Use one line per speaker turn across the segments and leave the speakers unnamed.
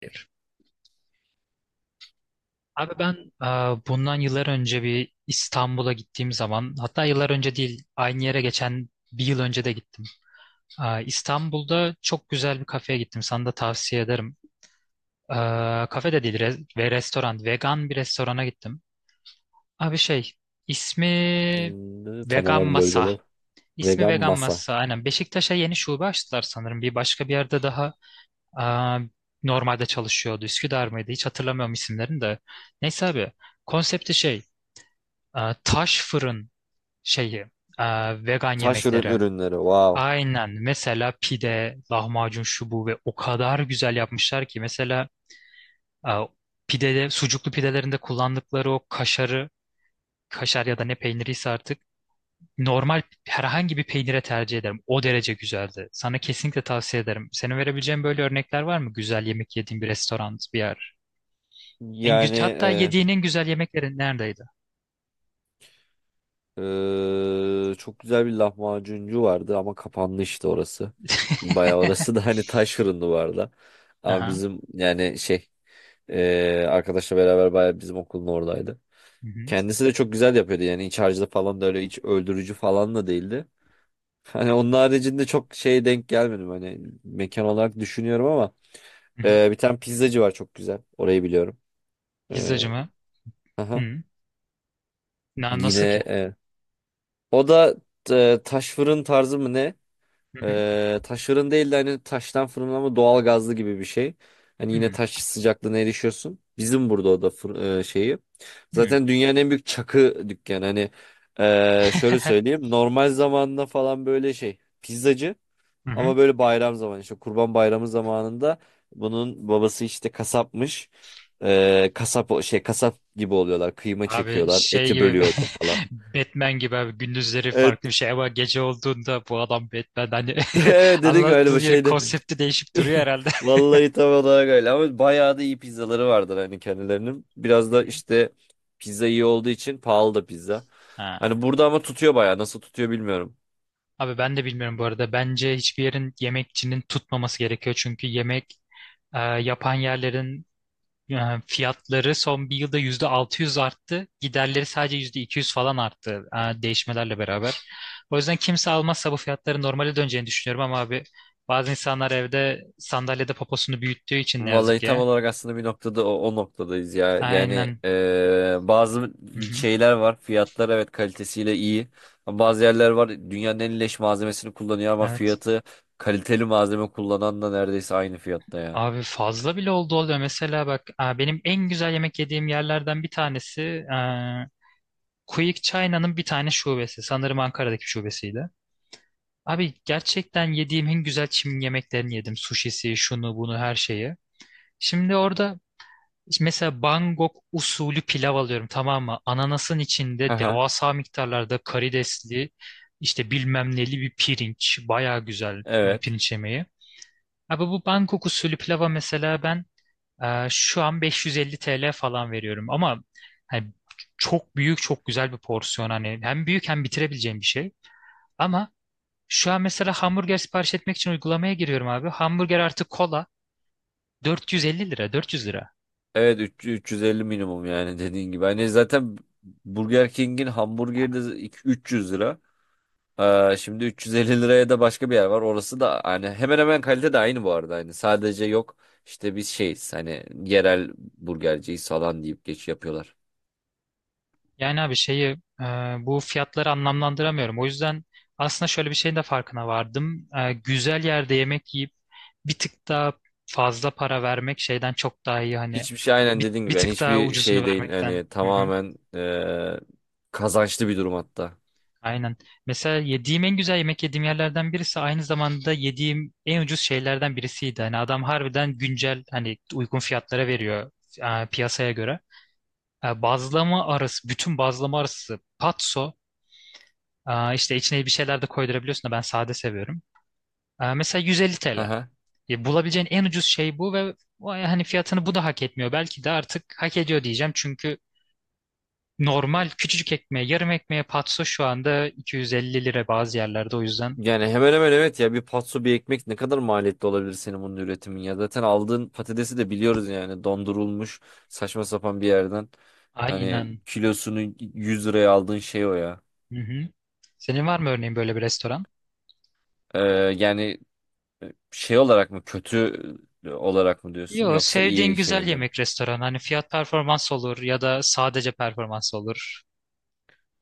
Hayır. Abi ben, e, bundan yıllar önce bir İstanbul'a gittiğim zaman, hatta yıllar önce değil, aynı yere geçen bir yıl önce de gittim. İstanbul'da çok güzel bir kafeye gittim. Sana da tavsiye ederim. E, Kafe de değil, ve restoran. Vegan bir restorana gittim. Abi şey, ismi
Hmm, ne tam
Vegan
olarak
Masa.
burgerlar?
İsmi
Vegan
Vegan
masa.
Masa. Aynen, Beşiktaş'a yeni şube açtılar sanırım. Bir başka bir yerde daha e, normalde çalışıyordu. Üsküdar mıydı? Hiç hatırlamıyorum isimlerini de. Neyse abi. Konsepti şey. Taş fırın şeyi, e, vegan
Taş ürün
yemekleri.
ürünleri. Wow.
Aynen. Mesela pide, lahmacun, şu bu, ve o kadar güzel yapmışlar ki, mesela e, pidede, sucuklu pidelerinde kullandıkları o kaşarı, kaşar ya da ne peyniriyse artık, normal herhangi bir peynire tercih ederim. O derece güzeldi. Sana kesinlikle tavsiye ederim. Senin verebileceğin böyle örnekler var mı? Güzel yemek yediğin bir restoran, bir yer. En güzel,
Yani
hatta yediğin en güzel yemekleri neredeydi?
e, çok güzel bir lahmacuncu vardı ama kapandı işte orası. Bayağı orası da hani taş ürünlü vardı. Ama
Aha.
bizim yani şey arkadaşla beraber bayağı bizim okulun oradaydı.
Hı hı.
Kendisi de çok güzel yapıyordu yani iç harcı da falan da öyle iç öldürücü falan da değildi. Hani onun haricinde çok şeye denk gelmedim hani mekan olarak düşünüyorum ama
Hı hı.
bir tane pizzacı var çok güzel. Orayı biliyorum. Ee,
Pizzacı mı?
aha.
Hı.
Yine
Nasıl ki?
o da taş fırın tarzı mı ne?
Hı hı.
Taş fırın değil de hani taştan fırın ama doğal gazlı gibi bir şey. Hani
Hı
yine taş sıcaklığına erişiyorsun. Bizim burada o da şeyi.
hı.
Zaten dünyanın en büyük çakı dükkanı. Hani şöyle söyleyeyim. Normal zamanında falan böyle şey. Pizzacı.
Hı hı.
Ama böyle bayram zamanı işte Kurban Bayramı zamanında bunun babası işte kasapmış. Kasap şey kasap gibi oluyorlar. Kıyma
Abi
çekiyorlar,
şey
eti
gibi,
bölüyorlar falan.
Batman gibi abi, gündüzleri
Evet.
farklı bir şey ama gece olduğunda bu adam Batman, hani
Evet dedin ki öyle
anladığı
bir
yeri,
şeydi.
konsepti değişip duruyor herhalde.
Vallahi tam olarak öyle ama bayağı da iyi pizzaları vardır hani kendilerinin. Biraz
Hı
da
hı.
işte pizza iyi olduğu için pahalı da pizza. Hani
Ha.
burada ama tutuyor bayağı. Nasıl tutuyor bilmiyorum.
Abi ben de bilmiyorum bu arada. Bence hiçbir yerin, yemekçinin tutmaması gerekiyor. Çünkü yemek yapan yerlerin, yani fiyatları son bir yılda %600 arttı. Giderleri sadece %200 falan arttı, değişmelerle beraber. O yüzden kimse almazsa bu fiyatların normale döneceğini düşünüyorum, ama abi bazı insanlar evde sandalyede poposunu büyüttüğü için, ne yazık
Vallahi tam
ki.
olarak aslında bir noktada o noktadayız ya. Yani
Aynen.
bazı
Hı-hı.
şeyler var. Fiyatlar evet kalitesiyle iyi. Ama bazı yerler var dünyanın en leş malzemesini kullanıyor ama
Evet.
fiyatı kaliteli malzeme kullanan da neredeyse aynı fiyatta ya.
Abi fazla bile oldu, oluyor. Mesela bak, benim en güzel yemek yediğim yerlerden bir tanesi, Quick China'nın bir tane şubesi. Sanırım Ankara'daki şubesiydi. Abi gerçekten yediğim en güzel Çin yemeklerini yedim. Sushisi, şunu bunu, her şeyi. Şimdi orada mesela Bangkok usulü pilav alıyorum, tamam mı? Ananasın içinde
Aha.
devasa miktarlarda karidesli, işte bilmem neli bir pirinç. Baya güzel bir
Evet.
pirinç yemeği. Abi bu Bangkok usulü pilava mesela ben şu an 550 TL falan veriyorum. Ama hani çok büyük, çok güzel bir porsiyon, hani hem büyük, hem bitirebileceğim bir şey. Ama şu an mesela hamburger sipariş etmek için uygulamaya giriyorum abi. Hamburger artı kola 450 lira, 400 lira.
Evet 350 minimum yani dediğin gibi. Hani zaten Burger King'in hamburgeri de 300 lira. Şimdi 350 liraya da başka bir yer var. Orası da hani hemen hemen kalite de aynı bu arada. Hani sadece yok işte biz şeyiz hani yerel burgerciyiz falan deyip geç yapıyorlar.
Yani abi şeyi, bu fiyatları anlamlandıramıyorum. O yüzden aslında şöyle bir şeyin de farkına vardım. Güzel yerde yemek yiyip bir tık daha fazla para vermek şeyden çok daha iyi, hani
Hiçbir şey aynen
bir,
dediğin
bir
gibi yani
tık daha
hiçbir
ucuzunu
şey değil.
vermekten.
Hani tamamen kazançlı bir durum hatta.
Aynen. Mesela yediğim en güzel yemek yediğim yerlerden birisi aynı zamanda yediğim en ucuz şeylerden birisiydi. Hani adam harbiden güncel, hani uygun fiyatlara veriyor, piyasaya göre. Bazlama arası, bütün bazlama arası patso, işte içine bir şeyler de koydurabiliyorsun da ben sade seviyorum. Mesela 150
Hı
TL.
hı.
Bulabileceğin en ucuz şey bu, ve vay, hani fiyatını bu da hak etmiyor. Belki de artık hak ediyor diyeceğim, çünkü normal küçücük ekmeğe, yarım ekmeğe, patso şu anda 250 lira bazı yerlerde, o yüzden.
Yani hemen hemen evet ya bir patso bir ekmek ne kadar maliyetli olabilir senin bunun üretimin ya. Zaten aldığın patatesi de biliyoruz yani dondurulmuş saçma sapan bir yerden. Hani
Aynen.
kilosunu 100 liraya aldığın şey o ya.
Hı hı. Senin var mı örneğin böyle bir restoran?
Ee, yani şey olarak mı kötü olarak mı diyorsun
Yo,
yoksa
sevdiğin
iyi
güzel
şeyle mi?
yemek restoranı. Hani fiyat performans olur ya da sadece performans olur.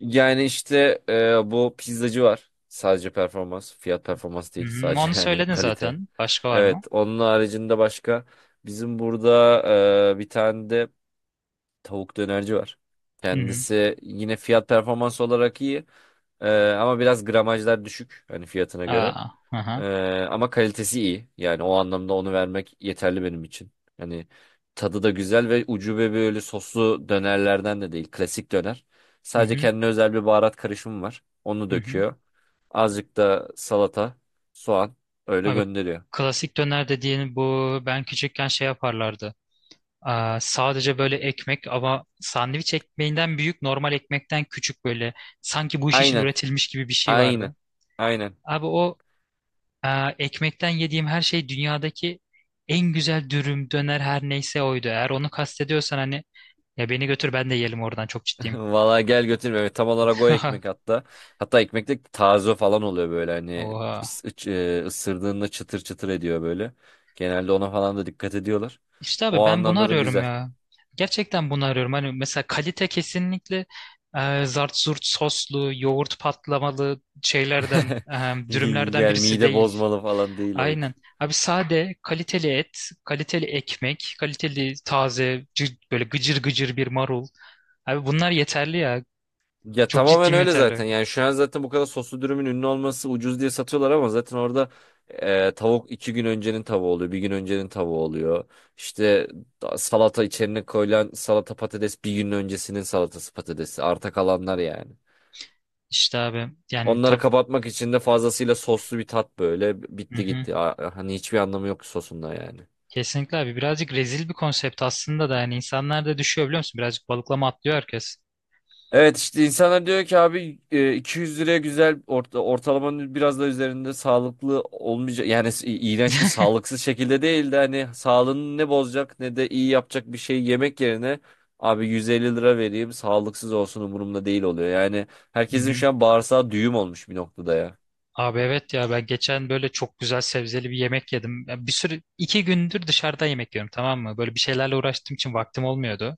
Yani işte bu pizzacı var. Sadece performans, fiyat performans
Hı
değil
hı.
sadece
Onu
yani
söyledin
kalite.
zaten. Başka var mı?
Evet, onun haricinde başka bizim burada bir tane de tavuk dönerci var.
Hı hı.
Kendisi yine fiyat performans olarak iyi. E, ama biraz gramajlar düşük hani fiyatına göre.
Aa, hı hı.
Ama kalitesi iyi. Yani o anlamda onu vermek yeterli benim için. Yani tadı da güzel ve ucube böyle soslu dönerlerden de değil. Klasik döner.
Hı
Sadece
hı.
kendine özel bir baharat karışımı var. Onu
Hı hı.
döküyor. Azıcık da salata, soğan öyle
Abi
gönderiyor.
klasik döner dediğin bu, ben küçükken şey yaparlardı. Aa, sadece böyle ekmek ama sandviç ekmeğinden büyük, normal ekmekten küçük, böyle sanki bu iş için
Aynen.
üretilmiş gibi bir şey
Aynen.
vardı.
Aynen.
Abi o. Ee, Ekmekten yediğim her şey, dünyadaki en güzel dürüm, döner her neyse oydu. Eğer onu kastediyorsan, hani ya beni götür ben de yiyelim oradan, çok ciddiyim.
Valla gel götür Mehmet. Tam olarak o ekmek hatta. Hatta ekmek de taze falan oluyor böyle hani
Oha.
is- ıç- ısırdığında çıtır çıtır ediyor böyle. Genelde ona falan da dikkat ediyorlar.
İşte abi
O
ben bunu
anlamda da
arıyorum
güzel.
ya. Gerçekten bunu arıyorum. Hani mesela kalite kesinlikle zart zurt soslu, yoğurt patlamalı şeylerden, dürümlerden
Yani
birisi
mide
değil.
bozmalı falan değil
Aynen.
evet.
Abi sade, kaliteli et, kaliteli ekmek, kaliteli taze, böyle gıcır gıcır bir marul. Abi bunlar yeterli ya.
Ya
Çok
tamamen
ciddiyim,
öyle zaten.
yeterli.
Yani şu an zaten bu kadar soslu dürümün ünlü olması ucuz diye satıyorlar ama zaten orada tavuk iki gün öncenin tavuğu oluyor. Bir gün öncenin tavuğu oluyor. İşte salata içerine koyulan salata patates bir gün öncesinin salatası patatesi. Arta kalanlar yani.
İşte abi yani
Onları kapatmak için de fazlasıyla soslu bir tat böyle
hı
bitti
hı.
gitti. Hani hiçbir anlamı yok sosunda yani.
Kesinlikle abi, birazcık rezil bir konsept aslında da, yani insanlar da düşüyor biliyor musun? Birazcık balıklama atlıyor herkes.
Evet işte insanlar diyor ki abi 200 liraya güzel ortalamanın biraz da üzerinde sağlıklı olmayacak yani iğrenç bir sağlıksız şekilde değil de hani sağlığını ne bozacak ne de iyi yapacak bir şey yemek yerine abi 150 lira vereyim sağlıksız olsun umurumda değil oluyor. Yani
Hı
herkesin
hı.
şu an bağırsağı düğüm olmuş bir noktada ya.
Abi evet ya, ben geçen böyle çok güzel sebzeli bir yemek yedim. Ya, bir sürü, iki gündür dışarıda yemek yiyorum, tamam mı? Böyle bir şeylerle uğraştığım için vaktim olmuyordu.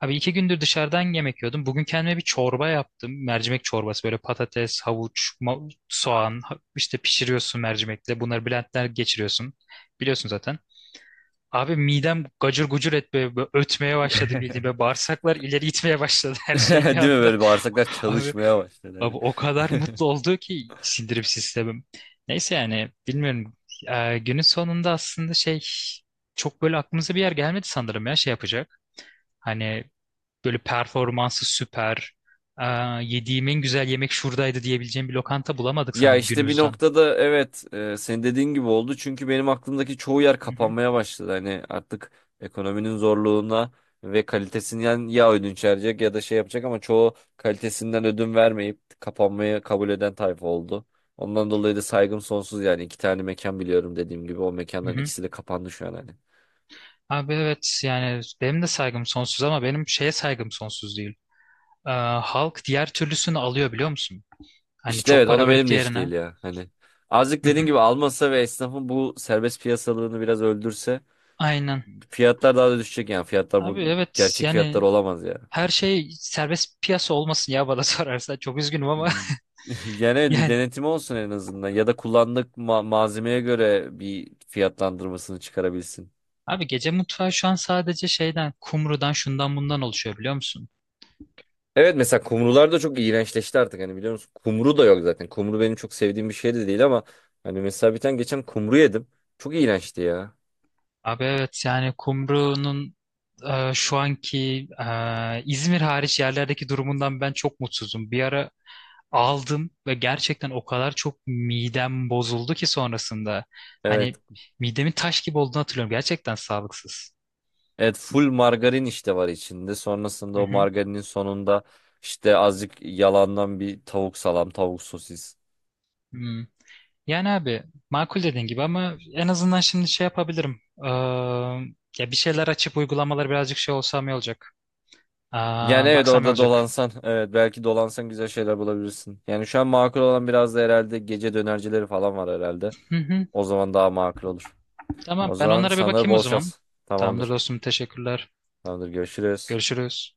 Abi iki gündür dışarıdan yemek yiyordum. Bugün kendime bir çorba yaptım. Mercimek çorbası, böyle patates, havuç, soğan, işte pişiriyorsun mercimekle. Bunları blendler geçiriyorsun. Biliyorsun zaten. Abi midem gacır gucur etmeye, böyle ötmeye başladı bildiğim. Böyle bağırsaklar ileri gitmeye başladı, her şey bir
Değil mi
anda.
böyle bağırsaklar
Abi,
çalışmaya başladı
abi o kadar
hani.
mutlu oldu ki sindirim sistemim. Neyse, yani bilmiyorum. Günün sonunda aslında şey, çok böyle aklımıza bir yer gelmedi sanırım ya, şey yapacak. Hani böyle performansı süper. Ee, Yediğim en güzel yemek şuradaydı diyebileceğim bir lokanta bulamadık
Ya
sanırım
işte bir
günümüzden.
noktada evet senin dediğin gibi oldu. Çünkü benim aklımdaki çoğu yer
Hı hı.
kapanmaya başladı. Hani artık ekonominin zorluğuna ve kalitesinden ya ödünç verecek ya da şey yapacak ama çoğu kalitesinden ödün vermeyip kapanmayı kabul eden tayfa oldu. Ondan dolayı da saygım sonsuz yani iki tane mekan biliyorum dediğim gibi o
Hı
mekanların
hı.
ikisi de kapandı şu an hani.
Abi evet yani benim de saygım sonsuz, ama benim şeye saygım sonsuz değil. Ee, Halk diğer türlüsünü alıyor biliyor musun? Hani
İşte
çok
evet o
para
da
verip
benim de iş değil
diğerine.
ya hani. Azıcık
Hı
dediğin
hı.
gibi almasa ve esnafın bu serbest piyasalığını biraz öldürse
Aynen.
fiyatlar daha da düşecek yani. Fiyatlar bu
Abi evet
gerçek fiyatlar
yani
olamaz ya.
her şey serbest piyasa olmasın ya, bana sorarsan. Çok üzgünüm ama
Yani evet bir
yani.
denetimi olsun en azından. Ya da kullandık malzemeye göre bir fiyatlandırmasını çıkarabilsin.
Abi gece mutfağı şu an sadece şeyden, kumrudan, şundan bundan oluşuyor, biliyor musun?
Evet mesela kumrular da çok iğrençleşti artık hani biliyor musun? Kumru da yok zaten. Kumru benim çok sevdiğim bir şey de değil ama hani mesela bir tane geçen kumru yedim. Çok iğrençti ya.
Abi evet yani Kumru'nun şu anki, İzmir hariç yerlerdeki durumundan ben çok mutsuzum. Bir ara aldım ve gerçekten o kadar çok midem bozuldu ki sonrasında.
Evet.
Hani midemin taş gibi olduğunu hatırlıyorum. Gerçekten sağlıksız.
Evet full margarin işte var içinde.
Hı
Sonrasında o
hı.
margarinin sonunda işte azıcık yalandan bir tavuk salam, tavuk sosis.
Hmm. Yani abi makul, dediğin gibi, ama en azından şimdi şey yapabilirim. Ya bir şeyler açıp uygulamaları birazcık şey olsam iyi olacak.
Yani
Aa,
evet
baksam iyi
orada
olacak.
dolansan evet belki dolansan güzel şeyler bulabilirsin. Yani şu an makul olan biraz da herhalde gece dönercileri falan var herhalde.
Hı hı.
O zaman daha makul olur.
Tamam,
O
ben
zaman
onlara bir
sana
bakayım o
bol
zaman.
şans.
Tamamdır
Tamamdır.
dostum, teşekkürler.
Tamamdır görüşürüz.
Görüşürüz.